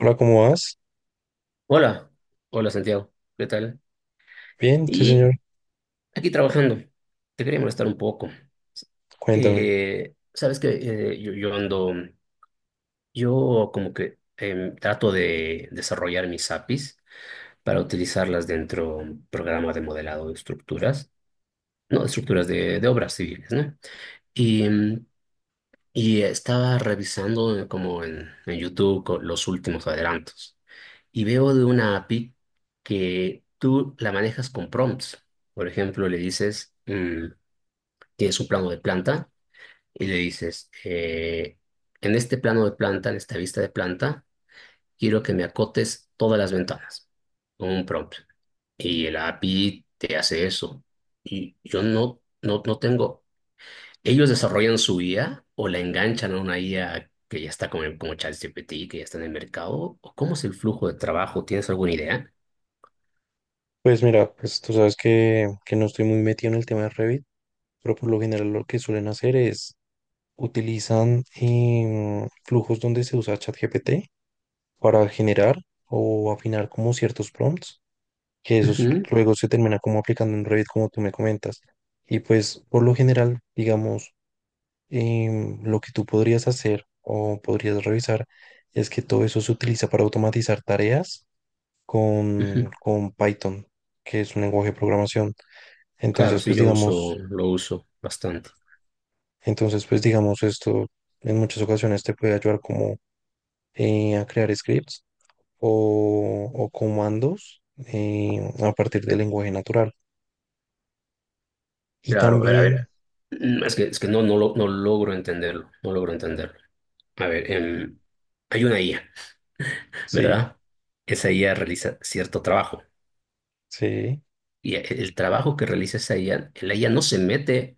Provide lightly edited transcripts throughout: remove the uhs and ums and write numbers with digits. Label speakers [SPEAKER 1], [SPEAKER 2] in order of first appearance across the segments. [SPEAKER 1] Hola, ¿cómo vas?
[SPEAKER 2] Hola, hola Santiago, ¿qué tal?
[SPEAKER 1] Bien, sí,
[SPEAKER 2] Y
[SPEAKER 1] señor.
[SPEAKER 2] aquí trabajando, te quería molestar un poco.
[SPEAKER 1] Cuéntame.
[SPEAKER 2] Sabes que yo ando, yo como que trato de desarrollar mis APIs para utilizarlas dentro de un programa de modelado de estructuras, no, de estructuras de obras civiles, ¿no? Y, y estaba revisando como en YouTube los últimos adelantos. Y veo de una API que tú la manejas con prompts. Por ejemplo, le dices, tienes un plano de planta y le dices, en este plano de planta, en esta vista de planta, quiero que me acotes todas las ventanas con un prompt. Y el API te hace eso. Y yo no, no, no tengo. Ellos desarrollan su IA o la enganchan a una IA que ya está como ChatGPT, que ya está en el mercado. ¿O cómo es el flujo de trabajo? ¿Tienes alguna idea?
[SPEAKER 1] Pues mira, pues tú sabes que no estoy muy metido en el tema de Revit, pero por lo general lo que suelen hacer es utilizan flujos donde se usa ChatGPT para generar o afinar como ciertos prompts, que esos
[SPEAKER 2] Ujú.
[SPEAKER 1] luego se termina como aplicando en Revit, como tú me comentas. Y pues por lo general, digamos, lo que tú podrías hacer o podrías revisar es que todo eso se utiliza para automatizar tareas
[SPEAKER 2] Ujú.
[SPEAKER 1] con Python, que es un lenguaje de programación.
[SPEAKER 2] Claro,
[SPEAKER 1] Entonces,
[SPEAKER 2] sí,
[SPEAKER 1] pues
[SPEAKER 2] yo uso,
[SPEAKER 1] digamos,
[SPEAKER 2] lo uso bastante.
[SPEAKER 1] entonces, pues digamos, esto en muchas ocasiones te puede ayudar como a crear scripts o comandos a partir del lenguaje natural. Y
[SPEAKER 2] Claro, a ver, a
[SPEAKER 1] también,
[SPEAKER 2] ver. Es que no, no, no logro entenderlo, no logro entenderlo. A ver, hay una IA,
[SPEAKER 1] sí,
[SPEAKER 2] ¿verdad? Esa IA realiza cierto trabajo.
[SPEAKER 1] sí,
[SPEAKER 2] Y el trabajo que realiza esa IA, la IA no se mete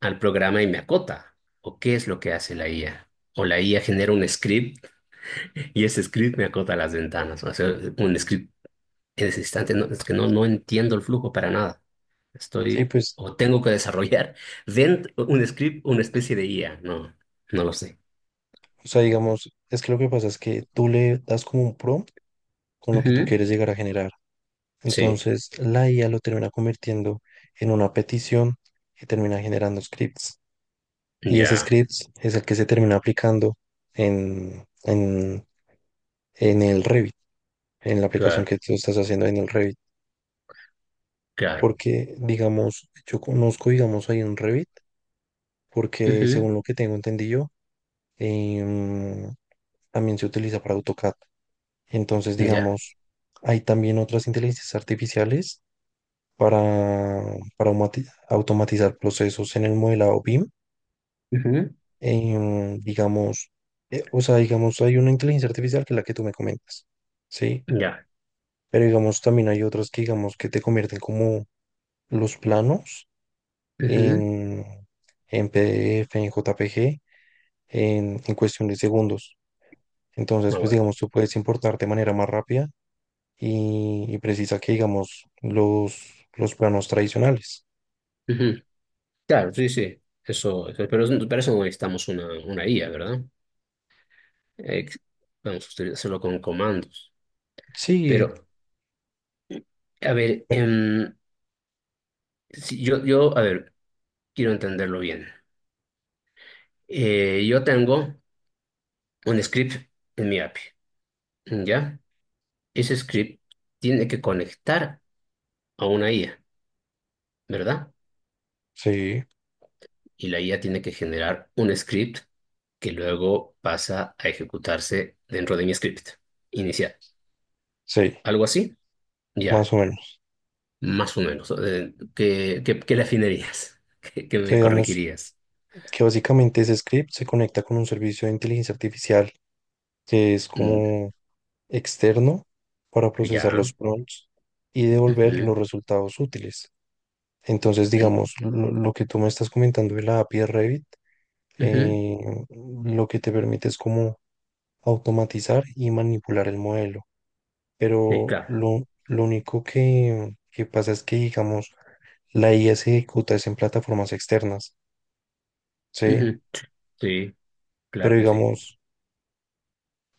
[SPEAKER 2] al programa y me acota. ¿O qué es lo que hace la IA? O la IA genera un script y ese script me acota las ventanas. O sea, un script en ese instante, no, es que no, no entiendo el flujo para nada.
[SPEAKER 1] sí,
[SPEAKER 2] Estoy
[SPEAKER 1] pues,
[SPEAKER 2] o tengo que desarrollar dentro un script, una especie de IA. No, no lo sé.
[SPEAKER 1] o sea, digamos, es que lo que pasa es que tú le das como un prompt con lo que tú
[SPEAKER 2] Ujú.
[SPEAKER 1] quieres llegar a generar.
[SPEAKER 2] Sí,
[SPEAKER 1] Entonces, la IA lo termina convirtiendo en una petición que termina generando scripts. Y ese
[SPEAKER 2] ya,
[SPEAKER 1] script es el que se termina aplicando en, en, en el Revit, en la aplicación
[SPEAKER 2] claro,
[SPEAKER 1] que tú estás haciendo en el Revit.
[SPEAKER 2] claro.
[SPEAKER 1] Porque, digamos, yo conozco, digamos, ahí en Revit, porque
[SPEAKER 2] Ujú,
[SPEAKER 1] según lo que tengo entendido, em, también se utiliza para AutoCAD. Entonces,
[SPEAKER 2] Ya,
[SPEAKER 1] digamos, hay también otras inteligencias artificiales para, para automatizar procesos en el modelado BIM
[SPEAKER 2] ujú,
[SPEAKER 1] digamos, o sea, digamos, hay una inteligencia artificial que es la que tú me comentas, ¿sí?
[SPEAKER 2] ya,
[SPEAKER 1] Pero digamos, también hay otras que, digamos, que te convierten como los planos
[SPEAKER 2] ujú,
[SPEAKER 1] en, en PDF, en JPG, en cuestión de segundos. Entonces,
[SPEAKER 2] me
[SPEAKER 1] pues,
[SPEAKER 2] acuerdo.
[SPEAKER 1] digamos, tú puedes importar de manera más rápida y precisa que, digamos, los planos tradicionales.
[SPEAKER 2] Ujú. Claro, sí, sí. Eso, pero para eso no necesitamos una IA, ¿verdad? Ex- vamos a hacerlo con comandos.
[SPEAKER 1] Sí,
[SPEAKER 2] Pero, a ver,
[SPEAKER 1] bueno,
[SPEAKER 2] si yo, a ver, quiero entenderlo bien. Yo tengo un script en mi API, ¿ya? Ese script tiene que conectar a una IA, ¿verdad?
[SPEAKER 1] sí,
[SPEAKER 2] Y la IA tiene que generar un script que luego pasa a ejecutarse dentro de mi script inicial.
[SPEAKER 1] sí,
[SPEAKER 2] ¿Algo así? Ya,
[SPEAKER 1] más o menos.
[SPEAKER 2] más o menos. ¿Qué le afinarías? ¿Qué
[SPEAKER 1] O sea,
[SPEAKER 2] me
[SPEAKER 1] digamos,
[SPEAKER 2] corregirías?
[SPEAKER 1] que básicamente ese script se conecta con un servicio de inteligencia artificial que es
[SPEAKER 2] Mm,
[SPEAKER 1] como externo para procesar
[SPEAKER 2] Ya.
[SPEAKER 1] los prompts y devolver
[SPEAKER 2] Ujú,
[SPEAKER 1] los resultados útiles. Entonces,
[SPEAKER 2] mm,
[SPEAKER 1] digamos, lo que tú me estás comentando de la API de Revit,
[SPEAKER 2] ujú.
[SPEAKER 1] eh, lo que te permite es como automatizar y manipular el modelo.
[SPEAKER 2] Sí,
[SPEAKER 1] Pero
[SPEAKER 2] claro.
[SPEAKER 1] lo único que pasa es que, digamos, la IA se ejecuta es en plataformas externas, ¿sí?
[SPEAKER 2] Ujú, Sí, claro
[SPEAKER 1] Pero
[SPEAKER 2] que sí.
[SPEAKER 1] digamos,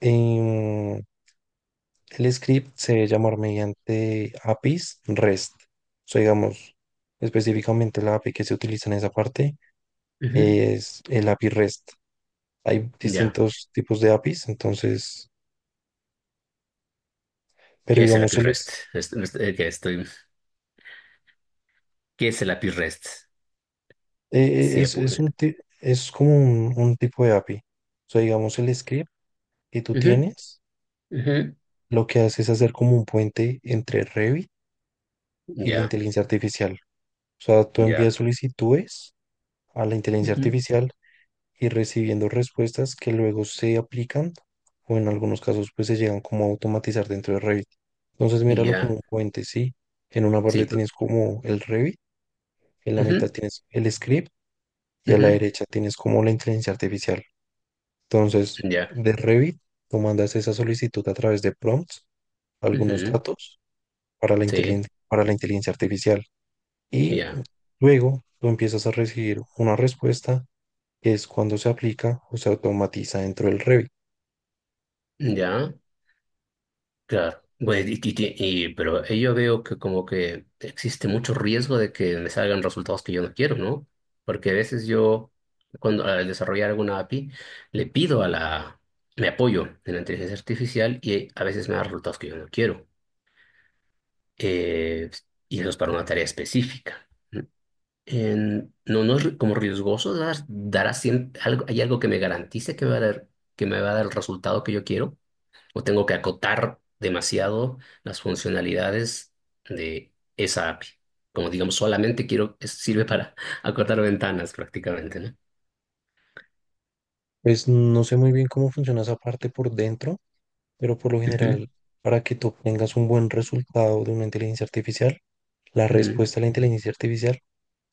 [SPEAKER 1] em, el script se debe llamar mediante APIs REST. O sea, digamos, específicamente la API que se utiliza en esa parte
[SPEAKER 2] Ujú,
[SPEAKER 1] es el API REST. Hay
[SPEAKER 2] Ya.
[SPEAKER 1] distintos tipos de APIs, entonces, pero
[SPEAKER 2] ¿Qué es el
[SPEAKER 1] digamos,
[SPEAKER 2] API
[SPEAKER 1] él
[SPEAKER 2] REST?
[SPEAKER 1] es,
[SPEAKER 2] Que estoy... ¿Qué es el API REST? Si me
[SPEAKER 1] es
[SPEAKER 2] pude.
[SPEAKER 1] un, es como un tipo de API. O sea, digamos, el script que tú tienes, lo que hace es hacer como un puente entre Revit y la
[SPEAKER 2] Ya,
[SPEAKER 1] inteligencia artificial. O sea, tú envías
[SPEAKER 2] ya,
[SPEAKER 1] solicitudes a la inteligencia
[SPEAKER 2] Ujú.
[SPEAKER 1] artificial y recibiendo respuestas que luego se aplican o en algunos casos pues se llegan como a automatizar dentro de Revit. Entonces míralo como
[SPEAKER 2] Ya.
[SPEAKER 1] un puente, ¿sí? En una
[SPEAKER 2] Sí,
[SPEAKER 1] parte tienes como el Revit, en la mitad
[SPEAKER 2] ujú,
[SPEAKER 1] tienes el script y a la
[SPEAKER 2] ujú,
[SPEAKER 1] derecha tienes como la inteligencia artificial. Entonces,
[SPEAKER 2] ya,
[SPEAKER 1] de Revit, tú mandas esa solicitud a través de prompts, algunos
[SPEAKER 2] ujú,
[SPEAKER 1] datos para
[SPEAKER 2] sí,
[SPEAKER 1] para la inteligencia artificial y
[SPEAKER 2] ya,
[SPEAKER 1] luego tú empiezas a recibir una respuesta que es cuando se aplica o se automatiza dentro del Revit.
[SPEAKER 2] ya, claro. Bueno, pero ahí yo veo que como que existe mucho riesgo de que me salgan resultados que yo no quiero, ¿no? Porque a veces yo, cuando al desarrollar alguna API, le pido a la, me apoyo en la inteligencia artificial y a veces me da resultados que yo no quiero. Eh, y eso es para una tarea específica. No, no es como riesgoso dar así algo, hay algo que me garantice que me va a dar, que me va a dar el resultado que yo quiero, o tengo que acotar demasiado las funcionalidades de esa API. Como digamos, solamente quiero, sirve para acortar ventanas prácticamente, ¿no?
[SPEAKER 1] Pues no sé muy bien cómo funciona esa parte por dentro, pero por lo
[SPEAKER 2] Ujú,
[SPEAKER 1] general, para que tú obtengas un buen resultado de una inteligencia artificial, la
[SPEAKER 2] ujú,
[SPEAKER 1] respuesta a la inteligencia artificial,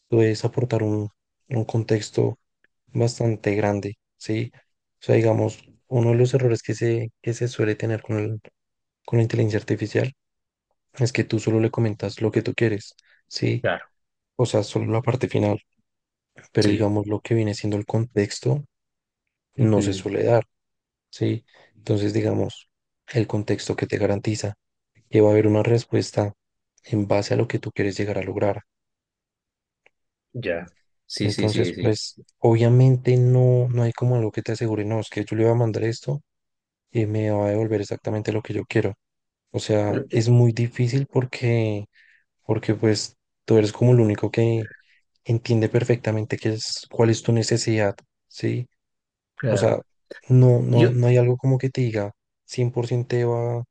[SPEAKER 1] tú debes aportar un contexto bastante grande, ¿sí? O sea, digamos, uno de los errores que se suele tener con con la inteligencia artificial es que tú solo le comentas lo que tú quieres, ¿sí?
[SPEAKER 2] Claro,
[SPEAKER 1] O sea, solo la parte final, pero
[SPEAKER 2] sí.
[SPEAKER 1] digamos lo que viene siendo el contexto no se
[SPEAKER 2] Ujú,
[SPEAKER 1] suele dar. ¿Sí? Entonces, digamos, el contexto que te garantiza que va a haber una respuesta en base a lo que tú quieres llegar a lograr.
[SPEAKER 2] Ya. Sí, sí, sí,
[SPEAKER 1] Entonces,
[SPEAKER 2] sí.
[SPEAKER 1] pues, obviamente no, no hay como algo que te asegure, no, es que yo le voy a mandar esto y me va a devolver exactamente lo que yo quiero. O sea,
[SPEAKER 2] Pero, eh,
[SPEAKER 1] es muy difícil porque, porque pues, tú eres como el único que entiende perfectamente qué es, cuál es tu necesidad, ¿sí? O sea,
[SPEAKER 2] Claro. Yo.
[SPEAKER 1] no hay algo como que te diga 100% te va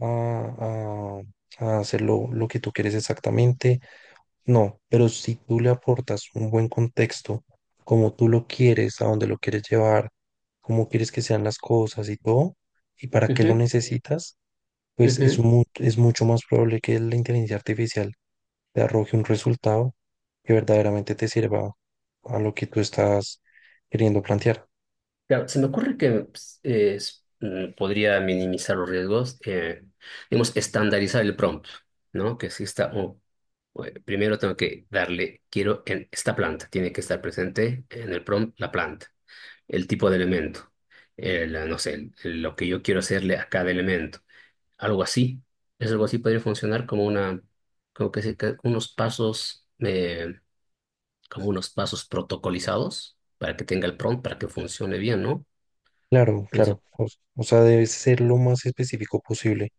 [SPEAKER 1] a, a, a hacer lo que tú quieres exactamente. No, pero si tú le aportas un buen contexto, como tú lo quieres, a dónde lo quieres llevar, cómo quieres que sean las cosas y todo, y para qué lo
[SPEAKER 2] Ujú,
[SPEAKER 1] necesitas, pues es,
[SPEAKER 2] ujú.
[SPEAKER 1] es mucho más probable que la inteligencia artificial te arroje un resultado que verdaderamente te sirva a lo que tú estás queriendo plantear.
[SPEAKER 2] Claro, se me ocurre que pues, podría minimizar los riesgos, digamos, estandarizar el prompt, ¿no? Que si está, oh, bueno, primero tengo que darle, quiero en esta planta, tiene que estar presente en el prompt la planta, el tipo de elemento, el, no sé, lo que yo quiero hacerle a cada elemento, algo así. Es algo así podría funcionar como una, como que, que unos pasos, como unos pasos protocolizados para que tenga el prompt, para que funcione bien, ¿no?
[SPEAKER 1] Claro, claro.
[SPEAKER 2] Pienso.
[SPEAKER 1] O sea, debe ser lo más específico posible.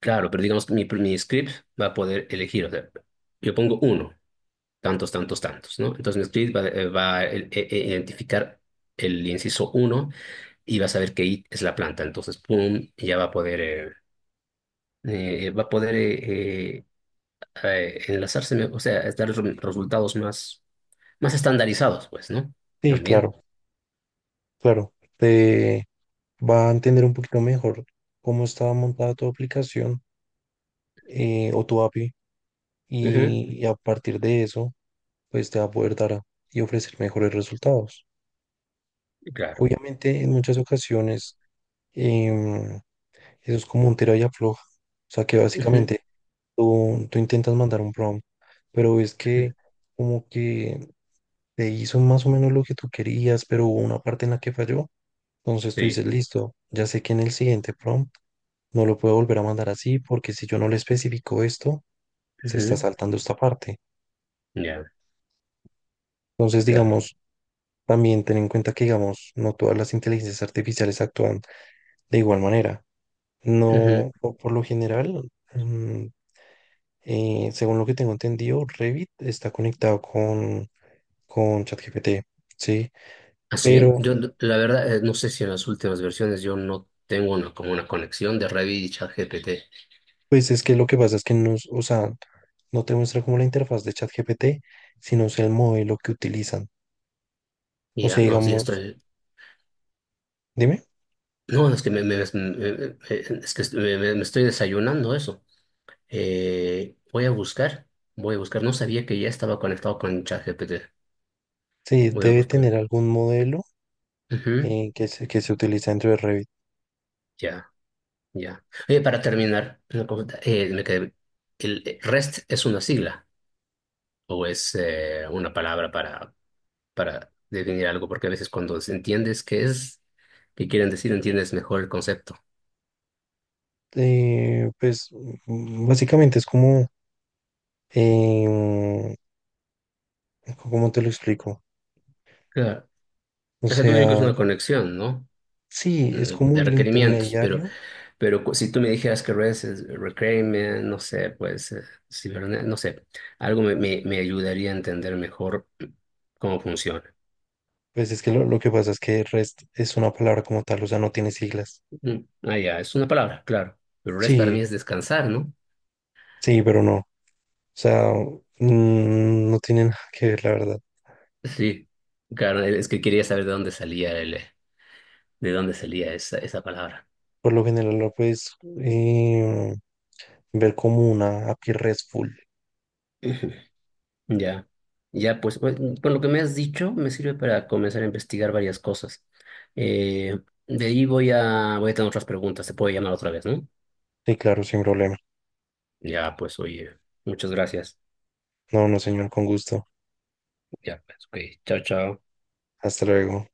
[SPEAKER 2] Claro, pero digamos que mi script va a poder elegir, o sea, yo pongo uno, tantos, tantos, tantos, ¿no? Entonces mi script va, va a identificar el inciso uno y va a saber que it es la planta. Entonces, pum, y ya va a poder enlazarse, o sea, es dar resultados más estandarizados, pues, ¿no?
[SPEAKER 1] Sí,
[SPEAKER 2] También.
[SPEAKER 1] claro, claro. Te va a entender un poquito mejor cómo está montada tu aplicación o tu API
[SPEAKER 2] Ujú,
[SPEAKER 1] y a partir de eso, pues te va a poder y ofrecer mejores resultados.
[SPEAKER 2] Claro.
[SPEAKER 1] Obviamente, en muchas ocasiones, em, eso es como un tira y afloja. O sea, que
[SPEAKER 2] Ujú,
[SPEAKER 1] básicamente tú intentas mandar un prompt, pero es que como que te hizo más o menos lo que tú querías, pero hubo una parte en la que falló. Entonces tú
[SPEAKER 2] Sí.
[SPEAKER 1] dices, listo, ya sé que en el siguiente prompt no lo puedo volver a mandar así porque si yo no le especifico esto, se está
[SPEAKER 2] Ujú,
[SPEAKER 1] saltando esta parte.
[SPEAKER 2] Ya,
[SPEAKER 1] Entonces,
[SPEAKER 2] claro.
[SPEAKER 1] digamos, también ten en cuenta que, digamos, no todas las inteligencias artificiales actúan de igual manera.
[SPEAKER 2] Ujú.
[SPEAKER 1] No, o por lo general, mm, según lo que tengo entendido, Revit está conectado con ChatGPT, ¿sí?
[SPEAKER 2] Así,
[SPEAKER 1] Pero
[SPEAKER 2] yo no- la verdad, no sé si en las últimas versiones yo no tengo una, como una conexión de Revit y ChatGPT.
[SPEAKER 1] pues es que lo que pasa es que nos, o sea, no te muestra como la interfaz de ChatGPT, sino es el modelo que utilizan.
[SPEAKER 2] Y
[SPEAKER 1] O
[SPEAKER 2] ya,
[SPEAKER 1] sea,
[SPEAKER 2] no, sí,
[SPEAKER 1] digamos,
[SPEAKER 2] estoy.
[SPEAKER 1] dime,
[SPEAKER 2] No, es que me, me- es que me estoy desayunando eso. Voy a buscar, voy a buscar. No sabía que ya estaba conectado con ChatGPT.
[SPEAKER 1] sí,
[SPEAKER 2] Voy a
[SPEAKER 1] debe tener
[SPEAKER 2] buscar.
[SPEAKER 1] algún modelo
[SPEAKER 2] Ujú,
[SPEAKER 1] que se utiliza dentro de Revit.
[SPEAKER 2] Ya, ya. Oye, para terminar, una pregunta. ¿El REST es una sigla o es una palabra para definir algo, porque a veces cuando entiendes qué es, qué quieren decir, entiendes mejor el concepto.
[SPEAKER 1] Pues básicamente es como, eh, ¿cómo te lo explico?
[SPEAKER 2] Claro.
[SPEAKER 1] O
[SPEAKER 2] O sea, tú me es
[SPEAKER 1] sea,
[SPEAKER 2] una conexión, ¿no?
[SPEAKER 1] sí, es
[SPEAKER 2] Eh,
[SPEAKER 1] como
[SPEAKER 2] De
[SPEAKER 1] el
[SPEAKER 2] requerimientos, pero,
[SPEAKER 1] intermediario.
[SPEAKER 2] si tú me dijeras que REST es requirement, no sé, pues, no sé, algo me ayudaría a entender mejor cómo funciona.
[SPEAKER 1] Pues es que lo que pasa es que REST es una palabra como tal, o sea, no tiene siglas.
[SPEAKER 2] Mm, Ah, ya, es una palabra, claro. Pero REST para mí
[SPEAKER 1] Sí,
[SPEAKER 2] es descansar, ¿no?
[SPEAKER 1] sí, pero no. Sea, no tiene nada que ver, la verdad.
[SPEAKER 2] Sí, claro, es que quería saber de dónde salía el, de dónde salía esa palabra.
[SPEAKER 1] Por lo general lo puedes eh, ver como una API RESTful.
[SPEAKER 2] Ya, ya, pues, por lo que me has dicho, me sirve para comenzar a investigar varias cosas. Eh, de ahí voy a tener otras preguntas, te puedo llamar otra vez, ¿no?
[SPEAKER 1] Y claro, sin problema.
[SPEAKER 2] Ya, pues, oye, muchas gracias.
[SPEAKER 1] No, no, señor, con gusto.
[SPEAKER 2] Ya, pues, ok, chao, chao.
[SPEAKER 1] Hasta luego.